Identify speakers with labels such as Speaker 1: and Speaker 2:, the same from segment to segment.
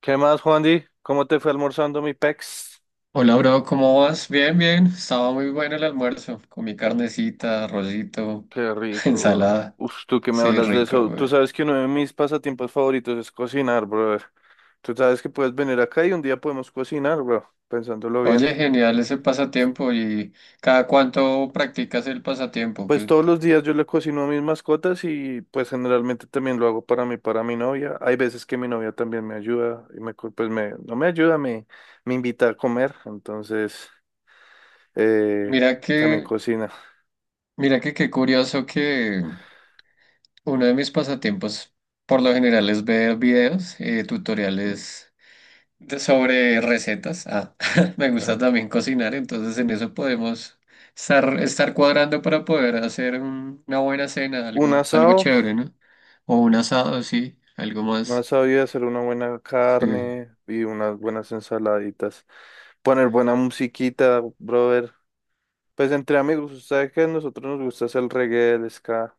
Speaker 1: ¿Qué más, Juandi? ¿Cómo te fue almorzando mi pex?
Speaker 2: Hola, bro, ¿cómo vas? Bien, bien. Estaba muy bueno el almuerzo, con mi carnecita, arrocito,
Speaker 1: Qué rico, bro.
Speaker 2: ensalada.
Speaker 1: Uf, tú que me
Speaker 2: Sí,
Speaker 1: hablas de
Speaker 2: rico,
Speaker 1: eso.
Speaker 2: güey.
Speaker 1: Tú sabes que uno de mis pasatiempos favoritos es cocinar, brother. Tú sabes que puedes venir acá y un día podemos cocinar, bro, pensándolo bien.
Speaker 2: Oye, genial ese pasatiempo y cada cuánto practicas el pasatiempo.
Speaker 1: Pues
Speaker 2: Que
Speaker 1: todos los días yo le cocino a mis mascotas y pues generalmente también lo hago para mí, para mi novia. Hay veces que mi novia también me ayuda y me, co- pues me, no me ayuda, me invita a comer. Entonces, eh,
Speaker 2: mira
Speaker 1: también
Speaker 2: que,
Speaker 1: cocina.
Speaker 2: mira que qué curioso que uno de mis pasatiempos por lo general es ver videos, tutoriales sobre recetas. Ah, me gusta
Speaker 1: Ah,
Speaker 2: también cocinar, entonces en eso podemos estar cuadrando para poder hacer una buena cena,
Speaker 1: un
Speaker 2: algo, algo
Speaker 1: asado.
Speaker 2: chévere, ¿no? O un asado, sí, algo
Speaker 1: No
Speaker 2: más.
Speaker 1: sabía hacer una buena
Speaker 2: Sí.
Speaker 1: carne y unas buenas ensaladitas. Poner buena musiquita, brother. Pues entre amigos, usted que a nosotros nos gusta hacer el reggae, el ska,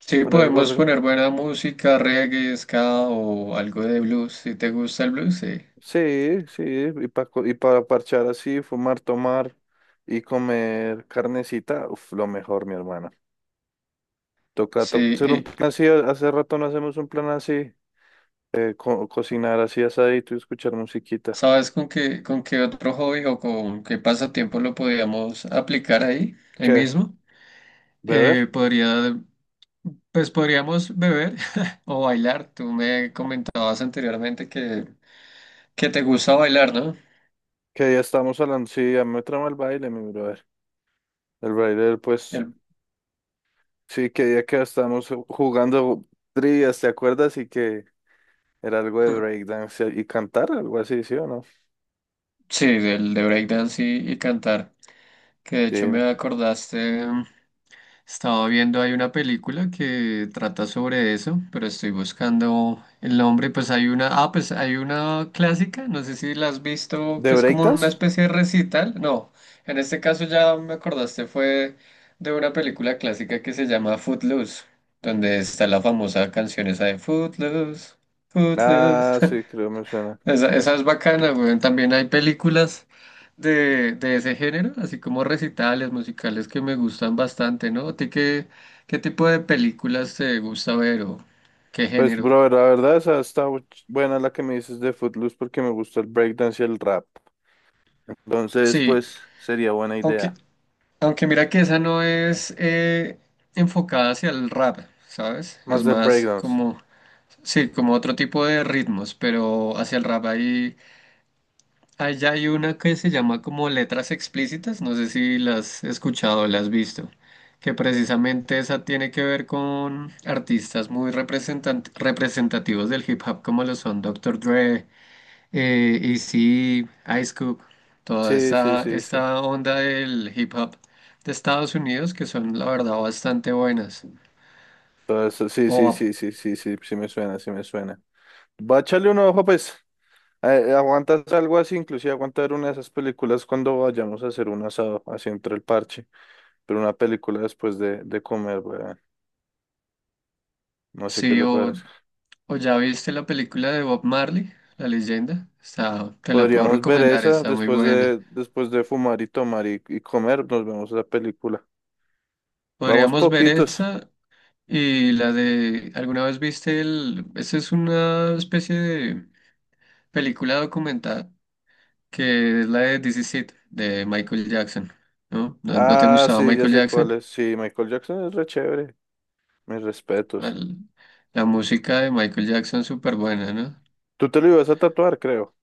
Speaker 2: Sí,
Speaker 1: poner algo.
Speaker 2: podemos
Speaker 1: re-
Speaker 2: poner buena música, reggae, ska o algo de blues. Si te gusta el blues, sí.
Speaker 1: Sí, sí, y para parchar así, fumar, tomar y comer carnecita, uf, lo mejor, mi hermana. Toca,
Speaker 2: Sí,
Speaker 1: toca hacer un
Speaker 2: y
Speaker 1: plan así, hace rato no hacemos un plan así, cocinar así asadito y escuchar musiquita.
Speaker 2: ¿sabes con qué otro hobby o con qué pasatiempo lo podríamos aplicar ahí, ahí
Speaker 1: ¿Qué?
Speaker 2: mismo?
Speaker 1: ¿Beber?
Speaker 2: Podría. Pues podríamos beber o bailar. Tú me comentabas anteriormente que te gusta bailar, ¿no?
Speaker 1: Que ya estamos hablando, sí, a mí me trama el baile, mi brother. El Raider, pues
Speaker 2: El-
Speaker 1: sí, que día que estábamos jugando trivias, ¿te acuerdas? Y que era algo de breakdance y cantar, algo así, ¿sí o no?
Speaker 2: Sí, del de breakdance y cantar. Que de
Speaker 1: Sí.
Speaker 2: hecho me acordaste, estaba viendo hay una película que trata sobre eso, pero estoy buscando el nombre. Pues hay una, ah, pues hay una clásica, no sé si la has visto,
Speaker 1: ¿De
Speaker 2: que es como una
Speaker 1: breakdance?
Speaker 2: especie de recital. No, en este caso ya me acordaste, fue de una película clásica que se llama Footloose, donde está la famosa canción esa de Footloose,
Speaker 1: Ah,
Speaker 2: Footloose.
Speaker 1: sí, creo me suena.
Speaker 2: Esa es bacana, güey. También hay películas de ese género, así como recitales musicales que me gustan bastante, ¿no? ¿A ti qué, qué tipo de películas te gusta ver o qué
Speaker 1: Pues,
Speaker 2: género?
Speaker 1: brother, la verdad, esa está buena la que me dices de Footloose porque me gusta el breakdance y el rap. Entonces,
Speaker 2: Sí,
Speaker 1: pues, sería buena
Speaker 2: aunque,
Speaker 1: idea.
Speaker 2: aunque mira que esa no es enfocada hacia el rap, ¿sabes?
Speaker 1: Más
Speaker 2: Es
Speaker 1: de
Speaker 2: más
Speaker 1: breakdance.
Speaker 2: como, sí, como otro tipo de ritmos, pero hacia el rap hay. Allá hay una que se llama como letras explícitas, no sé si las has escuchado o la has visto, que precisamente esa tiene que ver con artistas muy representativos del hip hop como lo son Doctor Dre, Eazy-E, Ice Cube, toda
Speaker 1: Sí, sí, sí, sí.
Speaker 2: esta onda del hip hop de Estados Unidos que son la verdad bastante buenas.
Speaker 1: Todo eso, sí, sí,
Speaker 2: O
Speaker 1: sí, sí, sí, sí, sí me suena, sí me suena. Va a echarle un ojo, pues. ¿Aguantas algo así? Inclusive aguantar una de esas películas cuando vayamos a hacer un asado, así entre el parche, pero una película después de comer, weón. No sé qué
Speaker 2: sí,
Speaker 1: le
Speaker 2: o,
Speaker 1: parece.
Speaker 2: o ya viste la película de Bob Marley, La Leyenda, está, te la puedo
Speaker 1: Podríamos ver
Speaker 2: recomendar,
Speaker 1: esa
Speaker 2: está muy
Speaker 1: después
Speaker 2: buena.
Speaker 1: de, después de fumar y tomar y comer, nos vemos la película. Vamos
Speaker 2: Podríamos ver
Speaker 1: poquitos.
Speaker 2: esa y la de, ¿alguna vez viste el, esa es una especie de película documental que es la de This Is It, de Michael Jackson, ¿no? ¿No, no te
Speaker 1: Ah,
Speaker 2: gustaba
Speaker 1: sí, ya
Speaker 2: Michael
Speaker 1: sé cuál
Speaker 2: Jackson?
Speaker 1: es. Sí, Michael Jackson es re chévere. Mis respetos.
Speaker 2: Al- la música de Michael Jackson súper buena, ¿no?
Speaker 1: Tú te lo ibas a tatuar, creo.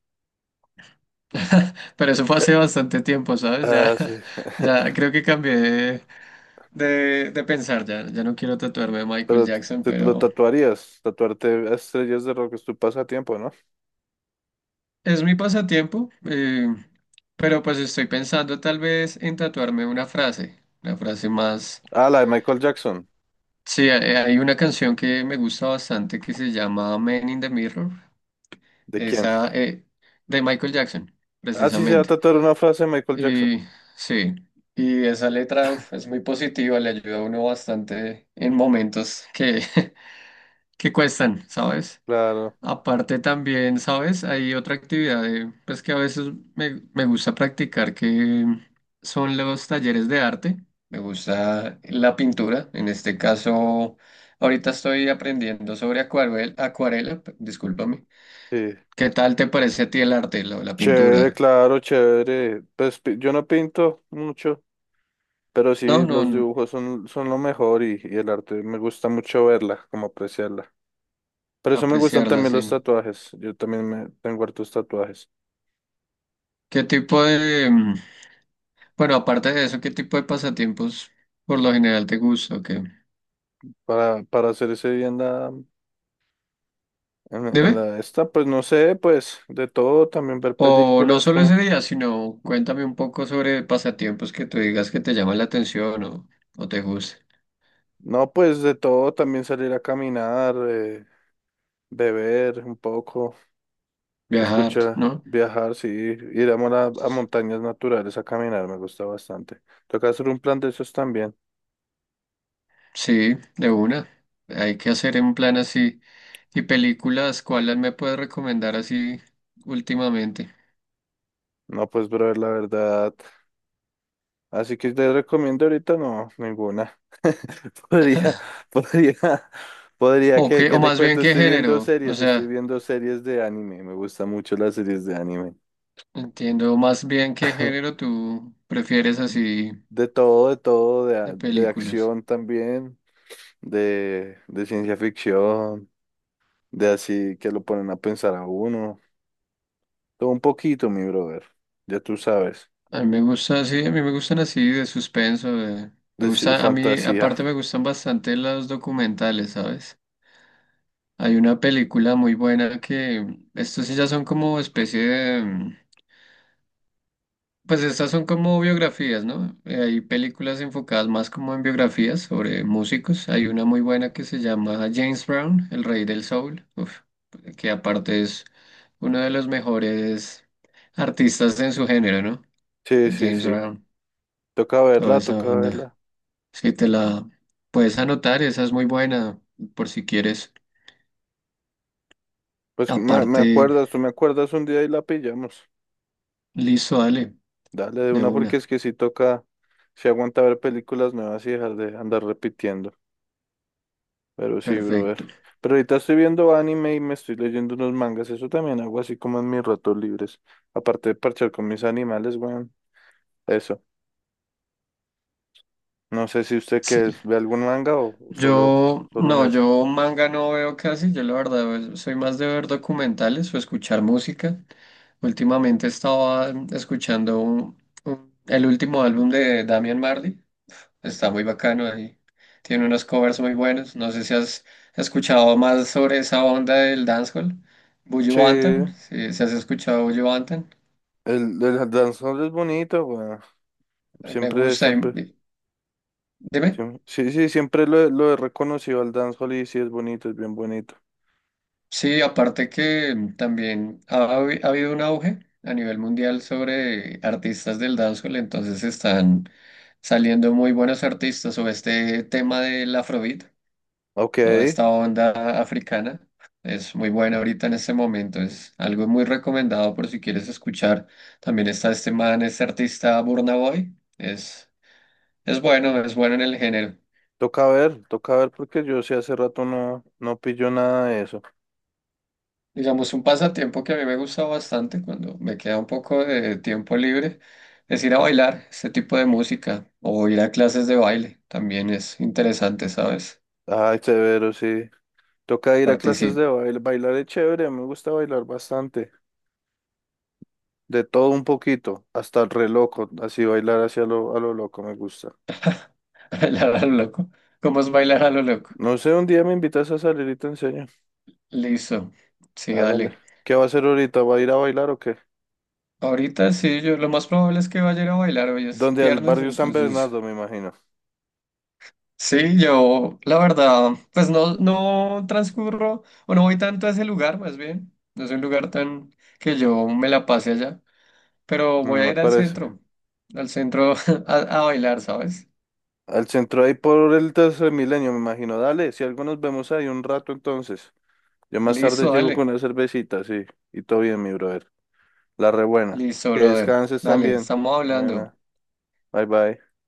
Speaker 2: Pero eso fue hace bastante tiempo, ¿sabes? Ya,
Speaker 1: Ah, sí.
Speaker 2: ya creo que cambié de pensar, ya, ya no quiero tatuarme de Michael
Speaker 1: Pero
Speaker 2: Jackson,
Speaker 1: lo
Speaker 2: pero...
Speaker 1: tatuarías. Tatuarte a estrellas de rock es tu pasatiempo, ¿no?
Speaker 2: Es mi pasatiempo, pero pues estoy pensando tal vez en tatuarme una frase más...
Speaker 1: Ah, la de Michael Jackson.
Speaker 2: Sí, hay una canción que me gusta bastante que se llama Man in the Mirror,
Speaker 1: ¿De quién?
Speaker 2: esa de Michael Jackson,
Speaker 1: Así se va a
Speaker 2: precisamente.
Speaker 1: tratar una frase de Michael Jackson.
Speaker 2: Y sí, y esa letra uf, es muy positiva, le ayuda a uno bastante en momentos que, que cuestan, ¿sabes?
Speaker 1: Claro,
Speaker 2: Aparte también, ¿sabes? Hay otra actividad pues que a veces me gusta practicar, que son los talleres de arte. Me gusta la pintura. En este caso, ahorita estoy aprendiendo sobre acuarela, discúlpame.
Speaker 1: sí.
Speaker 2: ¿Qué tal te parece a ti el arte, la
Speaker 1: Chévere,
Speaker 2: pintura?
Speaker 1: claro, chévere. Yo no pinto mucho, pero
Speaker 2: No,
Speaker 1: sí,
Speaker 2: no,
Speaker 1: los
Speaker 2: no,
Speaker 1: dibujos son, son lo mejor y el arte. Me gusta mucho verla, como apreciarla. Por eso me gustan
Speaker 2: apreciarla,
Speaker 1: también los
Speaker 2: sí.
Speaker 1: tatuajes. Yo también me tengo hartos tatuajes.
Speaker 2: ¿Qué tipo de, mm, bueno, aparte de eso, qué tipo de pasatiempos por lo general te gusta o qué?
Speaker 1: Para hacer ese día en la, en, en
Speaker 2: Dime.
Speaker 1: la esta, pues no sé, pues de todo, también ver
Speaker 2: O no
Speaker 1: películas,
Speaker 2: solo
Speaker 1: como,
Speaker 2: ese día, sino cuéntame un poco sobre pasatiempos que tú digas que te llaman la atención o te gusta.
Speaker 1: no, pues de todo, también salir a caminar, beber un poco.
Speaker 2: Viajar,
Speaker 1: Escucha,
Speaker 2: ¿no?
Speaker 1: viajar, sí, ir a, a montañas naturales a caminar me gusta bastante. Toca hacer un plan de esos también.
Speaker 2: Sí, de una. Hay que hacer un plan así. ¿Y películas, cuáles me puedes recomendar así últimamente?
Speaker 1: No, pues, brother, la verdad. Así que te recomiendo ahorita no, ninguna. Podría, podría,
Speaker 2: O qué,
Speaker 1: ¿Qué
Speaker 2: o
Speaker 1: le
Speaker 2: más bien
Speaker 1: cuento?
Speaker 2: qué género. O
Speaker 1: Estoy
Speaker 2: sea,
Speaker 1: viendo series de anime. Me gustan mucho las series de anime.
Speaker 2: entiendo más bien qué género tú prefieres así
Speaker 1: De todo, de todo,
Speaker 2: de
Speaker 1: de
Speaker 2: películas.
Speaker 1: acción también, de ciencia ficción, de así que lo ponen a pensar a uno. Todo un poquito, mi brother. Ya tú sabes.
Speaker 2: A mí me gusta sí a mí me gustan así de suspenso. Me
Speaker 1: De
Speaker 2: gusta, a mí
Speaker 1: fantasía.
Speaker 2: aparte me gustan bastante los documentales, ¿sabes? Hay una película muy buena que estos sí ya son como especie de, mm, pues estas son como biografías, ¿no? Hay películas enfocadas más como en biografías sobre músicos. Hay una muy buena que se llama James Brown, el rey del soul, uf, que aparte es uno de los mejores artistas en su género, ¿no?
Speaker 1: Sí, sí,
Speaker 2: James
Speaker 1: sí.
Speaker 2: Brown,
Speaker 1: Toca
Speaker 2: toda
Speaker 1: verla,
Speaker 2: esa
Speaker 1: toca
Speaker 2: onda.
Speaker 1: verla.
Speaker 2: Sí, te la puedes anotar, esa es muy buena, por si quieres.
Speaker 1: Pues me
Speaker 2: Aparte,
Speaker 1: acuerdas, tú me acuerdas un día y la pillamos.
Speaker 2: listo, dale,
Speaker 1: Dale de
Speaker 2: de
Speaker 1: una porque
Speaker 2: una.
Speaker 1: es que sí toca, sí aguanta ver películas nuevas y dejar de andar repitiendo. Pero sí, brother.
Speaker 2: Perfecto.
Speaker 1: Pero ahorita estoy viendo anime y me estoy leyendo unos mangas. Eso también hago así como en mis ratos libres. Aparte de parchar con mis animales, weón. Eso. No sé si usted
Speaker 2: Sí.
Speaker 1: que ve algún manga o solo,
Speaker 2: Yo,
Speaker 1: solo
Speaker 2: no,
Speaker 1: Netflix.
Speaker 2: yo manga no veo casi, yo la verdad soy más de ver documentales o escuchar música. Últimamente estaba escuchando el último álbum de Damian Marley. Está muy bacano ahí. Tiene unos covers muy buenos. No sé si has escuchado más sobre esa onda del dancehall. Buju
Speaker 1: Sí.
Speaker 2: Banton. Si, si has escuchado Buju Banton.
Speaker 1: El Danzón es bonito, weón.
Speaker 2: Me
Speaker 1: Siempre,
Speaker 2: gusta.
Speaker 1: siempre,
Speaker 2: Dime.
Speaker 1: sí, sí, siempre lo he reconocido al dancehall y sí es bonito, es bien bonito.
Speaker 2: Sí, aparte que también ha habido un auge a nivel mundial sobre artistas del dancehall. Entonces están saliendo muy buenos artistas sobre este tema del Afrobeat.
Speaker 1: Ok,
Speaker 2: Toda esta onda africana es muy buena ahorita en este momento, es algo muy recomendado por si quieres escuchar. También está este man, este artista Burna Boy, es bueno en el género.
Speaker 1: toca ver porque yo sí hace rato no, no pillo nada de eso.
Speaker 2: Digamos, un pasatiempo que a mí me gusta bastante cuando me queda un poco de tiempo libre es ir a bailar este tipo de música o ir a clases de baile, también es interesante, ¿sabes?
Speaker 1: Ay, severo, sí. Toca ir a clases
Speaker 2: Participar
Speaker 1: de baile. Bailar es chévere, me gusta bailar bastante. De todo un poquito, hasta el re loco, así bailar hacia lo, a lo loco me gusta.
Speaker 2: bailar a lo loco. ¿Cómo es bailar a lo loco?
Speaker 1: No sé, un día me invitas a salir y te enseño.
Speaker 2: Listo, sí,
Speaker 1: Hágale.
Speaker 2: dale.
Speaker 1: ¿Qué va a hacer ahorita? ¿Va a ir a bailar o qué?
Speaker 2: Ahorita sí, yo lo más probable es que vaya a ir a bailar, hoy es
Speaker 1: Donde al
Speaker 2: viernes,
Speaker 1: barrio San
Speaker 2: entonces
Speaker 1: Bernardo, me imagino.
Speaker 2: sí, yo la verdad, pues no, no transcurro o no voy tanto a ese lugar, más bien, no es un lugar tan que yo me la pase allá, pero voy
Speaker 1: Mm,
Speaker 2: a
Speaker 1: me
Speaker 2: ir
Speaker 1: parece.
Speaker 2: al centro a, a bailar, ¿sabes?
Speaker 1: Al centro ahí por el tercer milenio, me imagino. Dale, si algo nos vemos ahí un rato entonces. Yo más tarde
Speaker 2: Listo,
Speaker 1: llego con
Speaker 2: dale,
Speaker 1: una cervecita, sí. Y todo bien, mi brother. La rebuena.
Speaker 2: listo,
Speaker 1: Que
Speaker 2: brother,
Speaker 1: descanses
Speaker 2: dale,
Speaker 1: también.
Speaker 2: estamos hablando.
Speaker 1: Buena. Bye bye.